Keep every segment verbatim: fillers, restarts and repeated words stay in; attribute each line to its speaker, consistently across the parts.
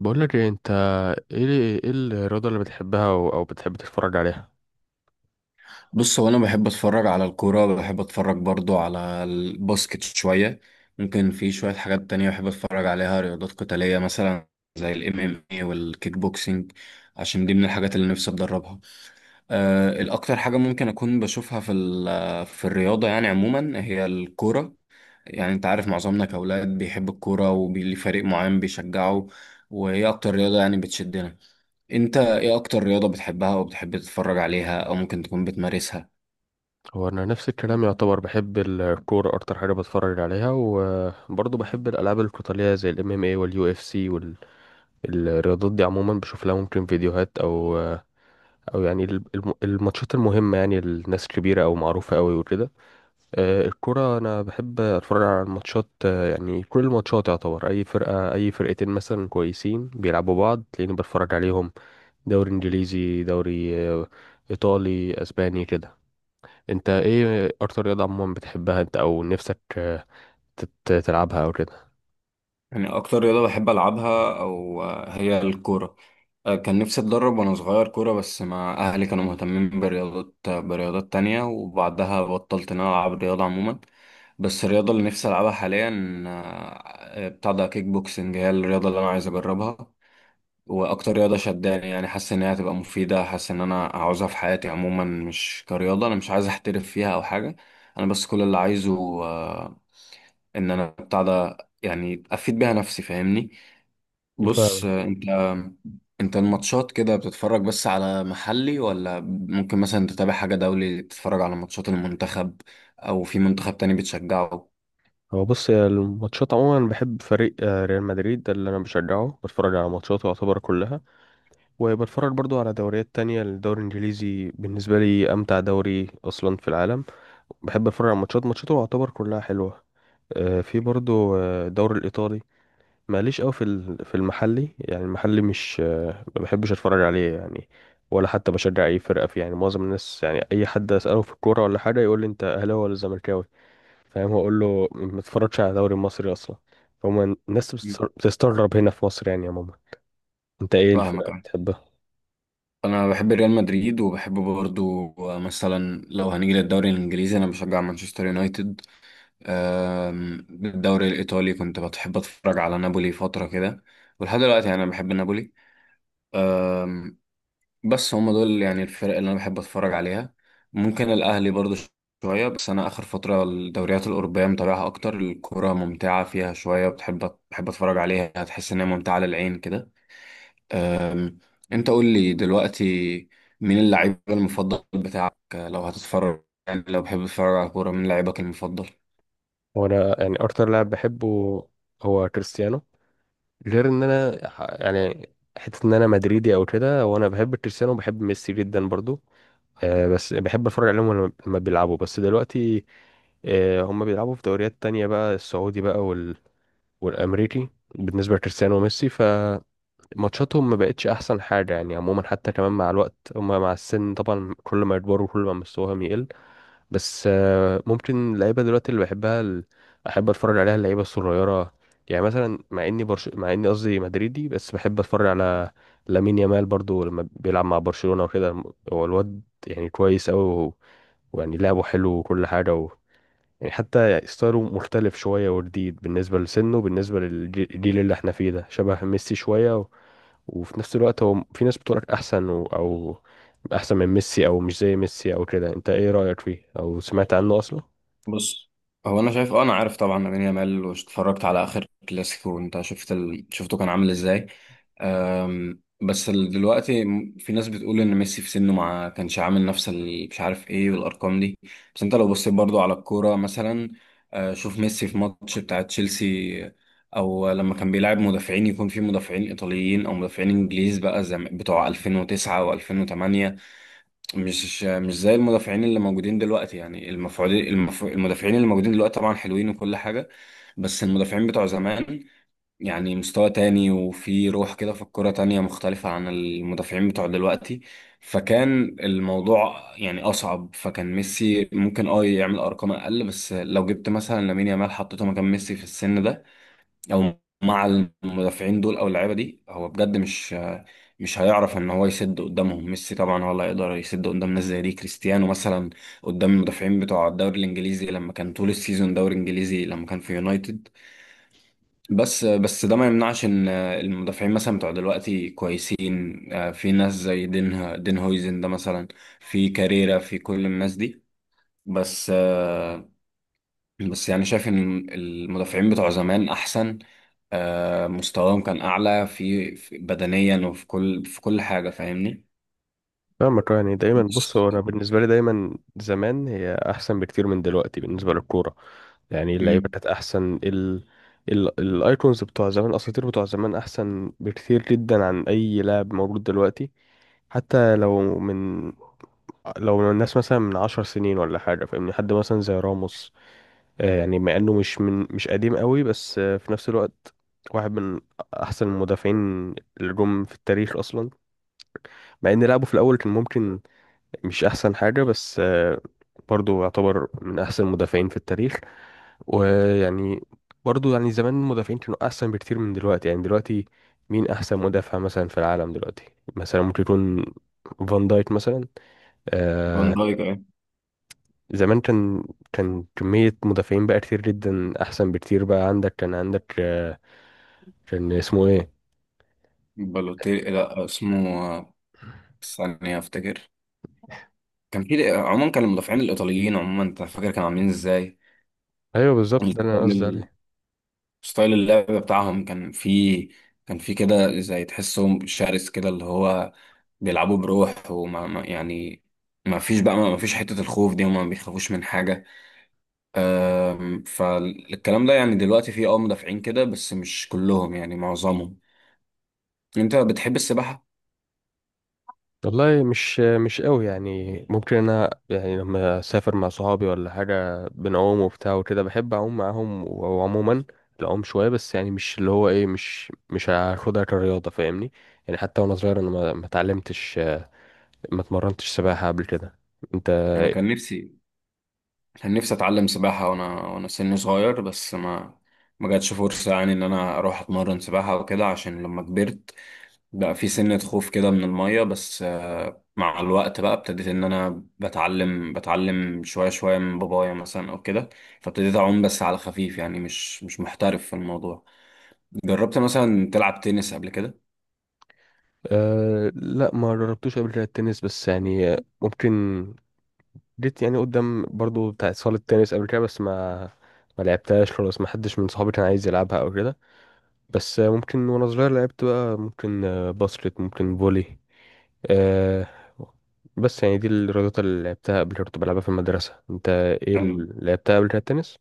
Speaker 1: بقول لك ايه انت؟ ايه ايه الرياضه اللي بتحبها او, أو بتحب تتفرج عليها؟
Speaker 2: بص هو انا بحب اتفرج على الكوره، بحب اتفرج برضو على الباسكت شويه. ممكن في شويه حاجات تانية بحب اتفرج عليها، رياضات قتاليه مثلا زي الام ام اي والكيك بوكسينج، عشان دي من الحاجات اللي نفسي اتدربها. أه الاكتر حاجه ممكن اكون بشوفها في ال- في الرياضه يعني عموما هي الكوره. يعني انت عارف معظمنا كاولاد بيحب الكوره وليه فريق معين بيشجعه، وهي اكتر رياضه يعني بتشدنا. انت ايه اكتر رياضه بتحبها او بتحب تتفرج عليها او ممكن تكون بتمارسها؟
Speaker 1: هو انا نفس الكلام يعتبر، بحب الكوره اكتر حاجه بتفرج عليها، وبرضه بحب الالعاب القتاليه زي الام ام اي واليو اف سي. والرياضات دي عموما بشوف لها ممكن فيديوهات، او او يعني ال- الم- الماتشات المهمه، يعني الناس كبيره او معروفه قوي وكده. آه، الكرة أنا بحب أتفرج على الماتشات، آه، يعني كل الماتشات يعتبر، أي فرقة أي فرقتين مثلا كويسين بيلعبوا بعض تلاقيني بتفرج عليهم. دوري إنجليزي، دوري آه، إيطالي، أسباني كده. أنت إيه أكتر رياضة عموما بتحبها أنت أو نفسك، آه، تت- تلعبها أو كده؟
Speaker 2: يعني أكتر رياضة بحب ألعبها أو آه، هي الكورة. آه، كان نفسي أتدرب وأنا صغير كورة، بس ما أهلي كانوا مهتمين برياضات، آه، برياضات تانية، وبعدها بطلت إن أنا ألعب رياضة عموما. بس الرياضة اللي نفسي ألعبها حاليا، آه، بتاع ده كيك بوكسنج، هي الرياضة اللي أنا عايز أجربها. وأكتر رياضة شداني، يعني حاسس إن هي هتبقى مفيدة، حاسس إن أنا عاوزها في حياتي عموما، مش كرياضة، أنا مش عايز أحترف فيها أو حاجة. أنا بس كل اللي عايزه، آه، إن أنا بتاع ده، يعني أفيد بيها نفسي، فاهمني؟ بص
Speaker 1: فاهم.
Speaker 2: انت، انت الماتشات كده بتتفرج بس على محلي، ولا ممكن مثلا تتابع حاجة دولي، تتفرج على ماتشات المنتخب، او في منتخب تاني بتشجعه؟
Speaker 1: هو بص يا، الماتشات عموما بحب فريق، آه، ريال مدريد ده اللي انا بشجعه، بتفرج على ماتشاته يعتبر كلها، وبتفرج برضو على دوريات تانية. الدوري الانجليزي بالنسبة لي امتع دوري اصلا في العالم، بحب اتفرج على ماتشات ماتشاته يعتبر كلها حلوه. آه، في برضو آه، الدوري الايطالي. ماليش قوي في ال- في المحلي، يعني المحلي مش، آه، ما بحبش اتفرج عليه يعني، ولا حتى بشجع اي فرقه فيه. يعني معظم الناس، يعني اي حد اساله في الكوره ولا حاجه يقول لي انت اهلاوي ولا زملكاوي، فاهم، هقول له ما اتفرجش على الدوري المصري اصلا. فهم الناس
Speaker 2: مم.
Speaker 1: بتستغر- بتستغرب هنا في مصر يعني يا ماما. انت ايه
Speaker 2: فاهمك
Speaker 1: الفرقه
Speaker 2: اه.
Speaker 1: بتحبها؟
Speaker 2: انا بحب ريال مدريد، وبحب برضو مثلا لو هنيجي للدوري الانجليزي انا بشجع مانشستر يونايتد. ام، بالدوري الايطالي كنت بحب اتفرج على نابولي فترة كده، ولحد دلوقتي يعني انا بحب نابولي. بس هم دول يعني الفرق اللي انا بحب اتفرج عليها. ممكن الاهلي برضو ش- شويه، بس انا اخر فتره الدوريات الاوروبيه متابعها اكتر، الكوره ممتعه فيها شويه، بتحب بحب اتفرج عليها هتحس ان هي ممتعه للعين كده. أم، انت قول لي دلوقتي، مين اللعيب المفضل بتاعك لو هتتفرج؟ يعني لو بحب تتفرج على كوره، مين لعيبك المفضل؟
Speaker 1: وانا يعني اكتر لاعب بحبه هو كريستيانو، غير ان انا ح- يعني حته ان انا مدريدي او كده، وانا بحب كريستيانو وبحب ميسي جدا برضو. آه بس بحب اتفرج عليهم لما لما بيلعبوا. بس دلوقتي آه هم بيلعبوا في دوريات تانية بقى، السعودي بقى وال... والامريكي. بالنسبه لكريستيانو وميسي فماتشاتهم ما بقتش احسن حاجه، يعني عموما حتى كمان مع الوقت هم مع السن طبعا، كل ما يكبروا كل ما مستواهم يقل. بس آه، ممكن اللعيبه دلوقتي اللي بحبها، ال... احب اتفرج عليها، اللعيبه الصغيره. يعني مثلا مع اني برش... مع اني قصدي مدريدي، بس بحب اتفرج على لامين يامال برضو لما بيلعب مع برشلونه وكده. الم- هو الواد يعني كويس قوي و... ويعني لعبه حلو وكل حاجه، و... يعني حتى يعني ستايله مختلف شويه وجديد، بالنسبه لسنه بالنسبه للجيل اللي احنا فيه ده، شبه ميسي شويه. وفي نفس الوقت هو في ناس بتقولك احسن و... او احسن من ميسي، او مش زي ميسي او كده. انت ايه رأيك فيه او سمعت عنه اصلا؟
Speaker 2: بص، هو انا شايف اه، انا عارف طبعا لامين يامال، واتفرجت على اخر كلاسيكو، وانت شفت ال... شفته كان عامل ازاي. أم... بس ال- دلوقتي م- في ناس بتقول ان ميسي في سنه ما كانش عامل نفس اللي مش عارف ايه والارقام دي. بس انت لو بصيت برضو على الكوره مثلا، آه، شوف ميسي في ماتش بتاع تشيلسي، او لما كان بيلعب مدافعين، يكون في مدافعين ايطاليين او مدافعين انجليز بقى زي ما- بتوع ألفين وتسعة و2008. مش مش زي المدافعين اللي موجودين دلوقتي، يعني المفعولين المف... المدافعين اللي موجودين دلوقتي طبعا حلوين وكل حاجة. بس المدافعين بتوع زمان يعني مستوى تاني، وفي روح كده في الكرة تانية مختلفة عن المدافعين بتوع دلوقتي. فكان الموضوع يعني أصعب، فكان ميسي ممكن اه يعمل أرقام أقل. بس لو جبت مثلا لامين يامال حطيته مكان ميسي في السن ده، او مع المدافعين دول او اللعيبه دي، هو بجد مش مش هيعرف ان هو يسد قدامهم. ميسي طبعا هو اللي هيقدر يسد قدام ناس زي دي، كريستيانو مثلا قدام المدافعين بتوع الدوري الانجليزي لما كان طول السيزون دوري انجليزي لما كان في يونايتد. بس بس ده ما يمنعش ان المدافعين مثلا بتوع دلوقتي كويسين، آه، في ناس زي دين دين هويزن ده مثلا، في كاريرا، في كل الناس دي. بس آه، بس يعني شايف ان المدافعين بتوع زمان احسن. آه، مستواهم كان أعلى في في- بدنيا، وفي كل في كل حاجة، فاهمني؟
Speaker 1: فاهمك. آه، يعني دايما بص
Speaker 2: مش-
Speaker 1: هو انا بالنسبه لي دايما زمان هي احسن بكتير من دلوقتي بالنسبه للكوره. يعني إيه، اللعيبه
Speaker 2: مم.
Speaker 1: كانت احسن، ال ال الايكونز بتوع زمان، الاساطير بتوع زمان احسن بكتير جدا عن اي لاعب موجود دلوقتي. حتى لو من لو الناس مثلا من عشر سنين ولا حاجه، فاهمني، حد مثلا زي راموس، آه، يعني مع انه مش من مش قديم قوي، بس آه، في نفس الوقت واحد من احسن المدافعين اللي جم في التاريخ اصلا، مع ان لعبه في الاول كان ممكن مش احسن حاجه، بس آه، برضه يعتبر من احسن المدافعين في التاريخ. ويعني برضه يعني زمان المدافعين كانوا احسن بكتير من دلوقتي. يعني دلوقتي مين احسن مدافع مثلا في العالم دلوقتي؟ مثلا ممكن يكون فان دايك مثلا.
Speaker 2: فان
Speaker 1: آه،
Speaker 2: دايك أه.
Speaker 1: زمان كان كان كمية مدافعين بقى كتير جدا، أحسن بكتير بقى. عندك كان عندك آه، كان اسمه إيه؟
Speaker 2: بالوتيلي، لا اسمه آه، ثانية أفتكر. كان في عموما كان المدافعين الإيطاليين عموما، أنت فاكر كانوا عاملين إزاي؟
Speaker 1: أيوه بالظبط، ده اللي أنا قصدي
Speaker 2: الستايل،
Speaker 1: عليه.
Speaker 2: ستايل اللعب بتاعهم، كان في كان في كده زي تحسهم شرس، كده اللي هو بيلعبوا بروح، وما ما- يعني ما فيش بقى ما فيش حتة الخوف دي، هما ما بيخافوش من حاجة. آم، فالكلام ده يعني دلوقتي فيه اه مدافعين كده بس مش كلهم، يعني معظمهم. انت بتحب السباحة؟
Speaker 1: والله مش، آه، مش قوي، يعني ممكن أنا يعني لما أسافر مع صحابي ولا حاجة بنعوم وبتاع وكده، بحب أعوم معاهم. وعموما العوم شوية، بس يعني مش اللي هو إيه، مش مش هاخدها كرياضة، فاهمني؟ يعني حتى وأنا صغير أنا ما ما اتعلمتش، آه، ما اتمرنتش سباحة قبل كده. أنت؟
Speaker 2: انا كان نفسي، كان نفسي اتعلم سباحة وانا وانا سني صغير، بس ما ما جاتش فرصة يعني ان انا اروح اتمرن سباحة وكده، عشان لما كبرت بقى في سنة خوف كده من المية. بس آه، مع الوقت بقى ابتديت ان انا بتعلم، بتعلم شوية شوية من بابايا مثلا او كده. فابتديت اعوم بس على خفيف، يعني مش مش محترف في الموضوع. جربت مثلا تلعب تنس قبل كده؟
Speaker 1: أه، لا، ما جربتوش قبل كده التنس، بس يعني آه، ممكن جيت يعني قدام برضو بتاع صالة التنس قبل كده، بس ما ما لعبتهاش خلاص، ما حدش من صحابي كان عايز يلعبها او كده. بس آه، ممكن وانا صغير لعبت بقى، ممكن آه، باسكت، ممكن فولي أه. بس يعني دي الرياضات اللي لعبتها قبل كده، كنت بلعبها في المدرسة. انت ايه
Speaker 2: أم.
Speaker 1: اللي لعبتها قبل كده التنس؟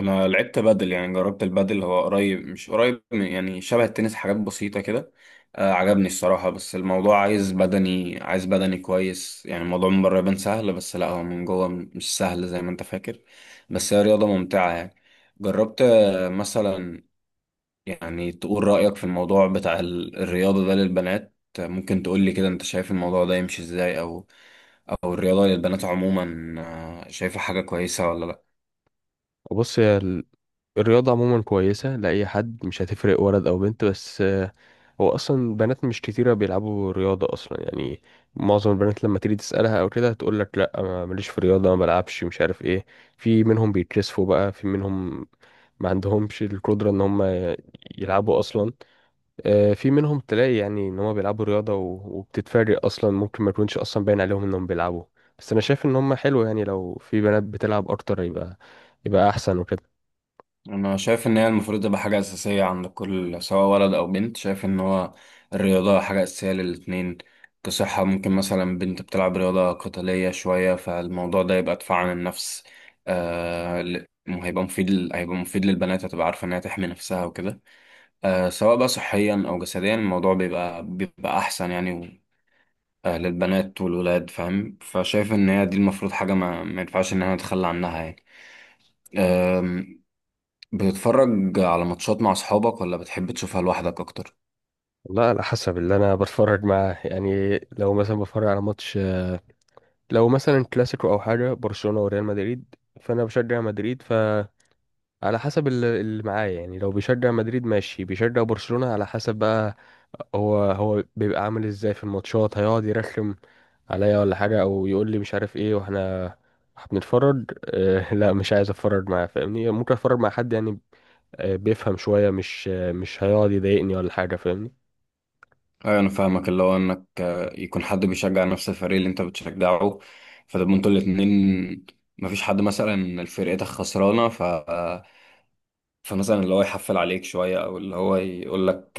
Speaker 2: انا لعبت بادل، يعني جربت البادل، هو قريب، مش قريب من- يعني شبه التنس، حاجات بسيطة كده. آه عجبني الصراحة، بس الموضوع عايز بدني، عايز بدني كويس، يعني الموضوع من بره يبان سهل بس لا، هو من جوه م- مش سهل زي ما انت فاكر. بس هي رياضة ممتعة يعني. جربت آه، مثلا يعني تقول رأيك في الموضوع بتاع ال- الرياضة ده للبنات، آه، ممكن تقول لي كده انت شايف الموضوع ده يمشي ازاي، او او الرياضة للبنات عموما، آه، شايفة حاجة كويسة ولا لا؟
Speaker 1: بص، هي ال- الرياضة عموما كويسة لأي حد، مش هتفرق ولد أو بنت. بس هو اصلا بنات مش كتيره بيلعبوا رياضه اصلا، يعني معظم البنات لما تيجي تسالها او كده هتقول لك لا، ما- ماليش في رياضه ما بلعبش مش عارف ايه. في منهم بيتكسفوا بقى، في منهم ما عندهمش القدره ان هم يلعبوا اصلا. آه، في منهم تلاقي يعني ان هم بيلعبوا رياضه، و- وبتتفاجئ اصلا، ممكن ما يكونش اصلا باين عليهم انهم بيلعبوا. بس انا شايف ان هم حلو، يعني لو في بنات بتلعب اكتر يبقى يبقى احسن وكده.
Speaker 2: انا شايف ان هي المفروض تبقى حاجه اساسيه عند كل، سواء ولد او بنت، شايف ان هو الرياضه حاجه اساسيه للاتنين. كصحه، ممكن مثلا بنت بتلعب رياضه قتاليه شويه، فالموضوع ده يبقى دفاع عن النفس. آه، ل- هيبقى مفيد ل- هيبقى مفيد للبنات، هتبقى عارفه انها تحمي نفسها وكده. آه، سواء بقى صحيا او جسديا، الموضوع بيبقى بيبقى احسن يعني. و... آه، للبنات والولاد، فاهم؟ فشايف ان هي دي المفروض حاجه ما, ما ينفعش ان انا اتخلى عنها يعني. بتتفرج على ماتشات مع أصحابك، ولا بتحب تشوفها لوحدك أكتر؟
Speaker 1: لا، على حسب اللي انا بتفرج معاه، يعني لو مثلا بتفرج على ماتش، لو مثلا كلاسيكو او حاجه برشلونه وريال مدريد، فانا بشجع مدريد، فعلى حسب ال- اللي معايا، يعني لو بيشجع مدريد ماشي، بيشجع برشلونه على حسب بقى، هو هو بيبقى عامل ازاي في الماتشات، هيقعد يرخم عليا ولا حاجه، او يقول لي مش عارف ايه واحنا بنتفرج؟ آه، لا، مش عايز اتفرج معاه، فاهمني؟ ممكن اتفرج مع حد يعني آه، بيفهم شويه، مش، آه، مش هيقعد يضايقني ولا حاجه، فاهمني؟
Speaker 2: ايوه انا فاهمك، اللي هو انك آه، يكون حد بيشجع نفس الفريق اللي انت بتشجعه، فتبقوا انتوا الاتنين. مفيش حد مثلا فرقتك خسرانه فمثلا اللي هو يحفل عليك شوية، أو اللي هو يقول لك،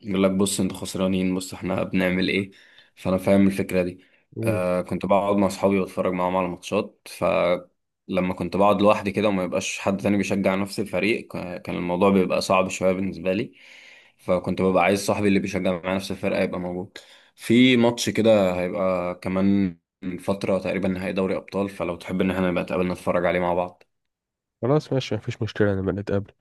Speaker 2: يقول لك بص أنتوا خسرانين، بص إحنا بنعمل إيه. فأنا فاهم الفكرة دي.
Speaker 1: مم.
Speaker 2: آه كنت بقعد مع أصحابي وأتفرج معاهم على ماتشات، فلما كنت بقعد لوحدي كده وما يبقاش حد تاني بيشجع نفس الفريق، ك- كان الموضوع بيبقى صعب شوية بالنسبة لي. فكنت ببقى عايز صاحبي اللي بيشجع معايا نفس الفرقة يبقى موجود. في ماتش كده هيبقى كمان فترة تقريبا، نهائي دوري أبطال، فلو تحب إن إحنا نبقى نتقابل نتفرج عليه مع بعض.
Speaker 1: خلاص ماشي، مفيش مشكله، نبقى نتقابل.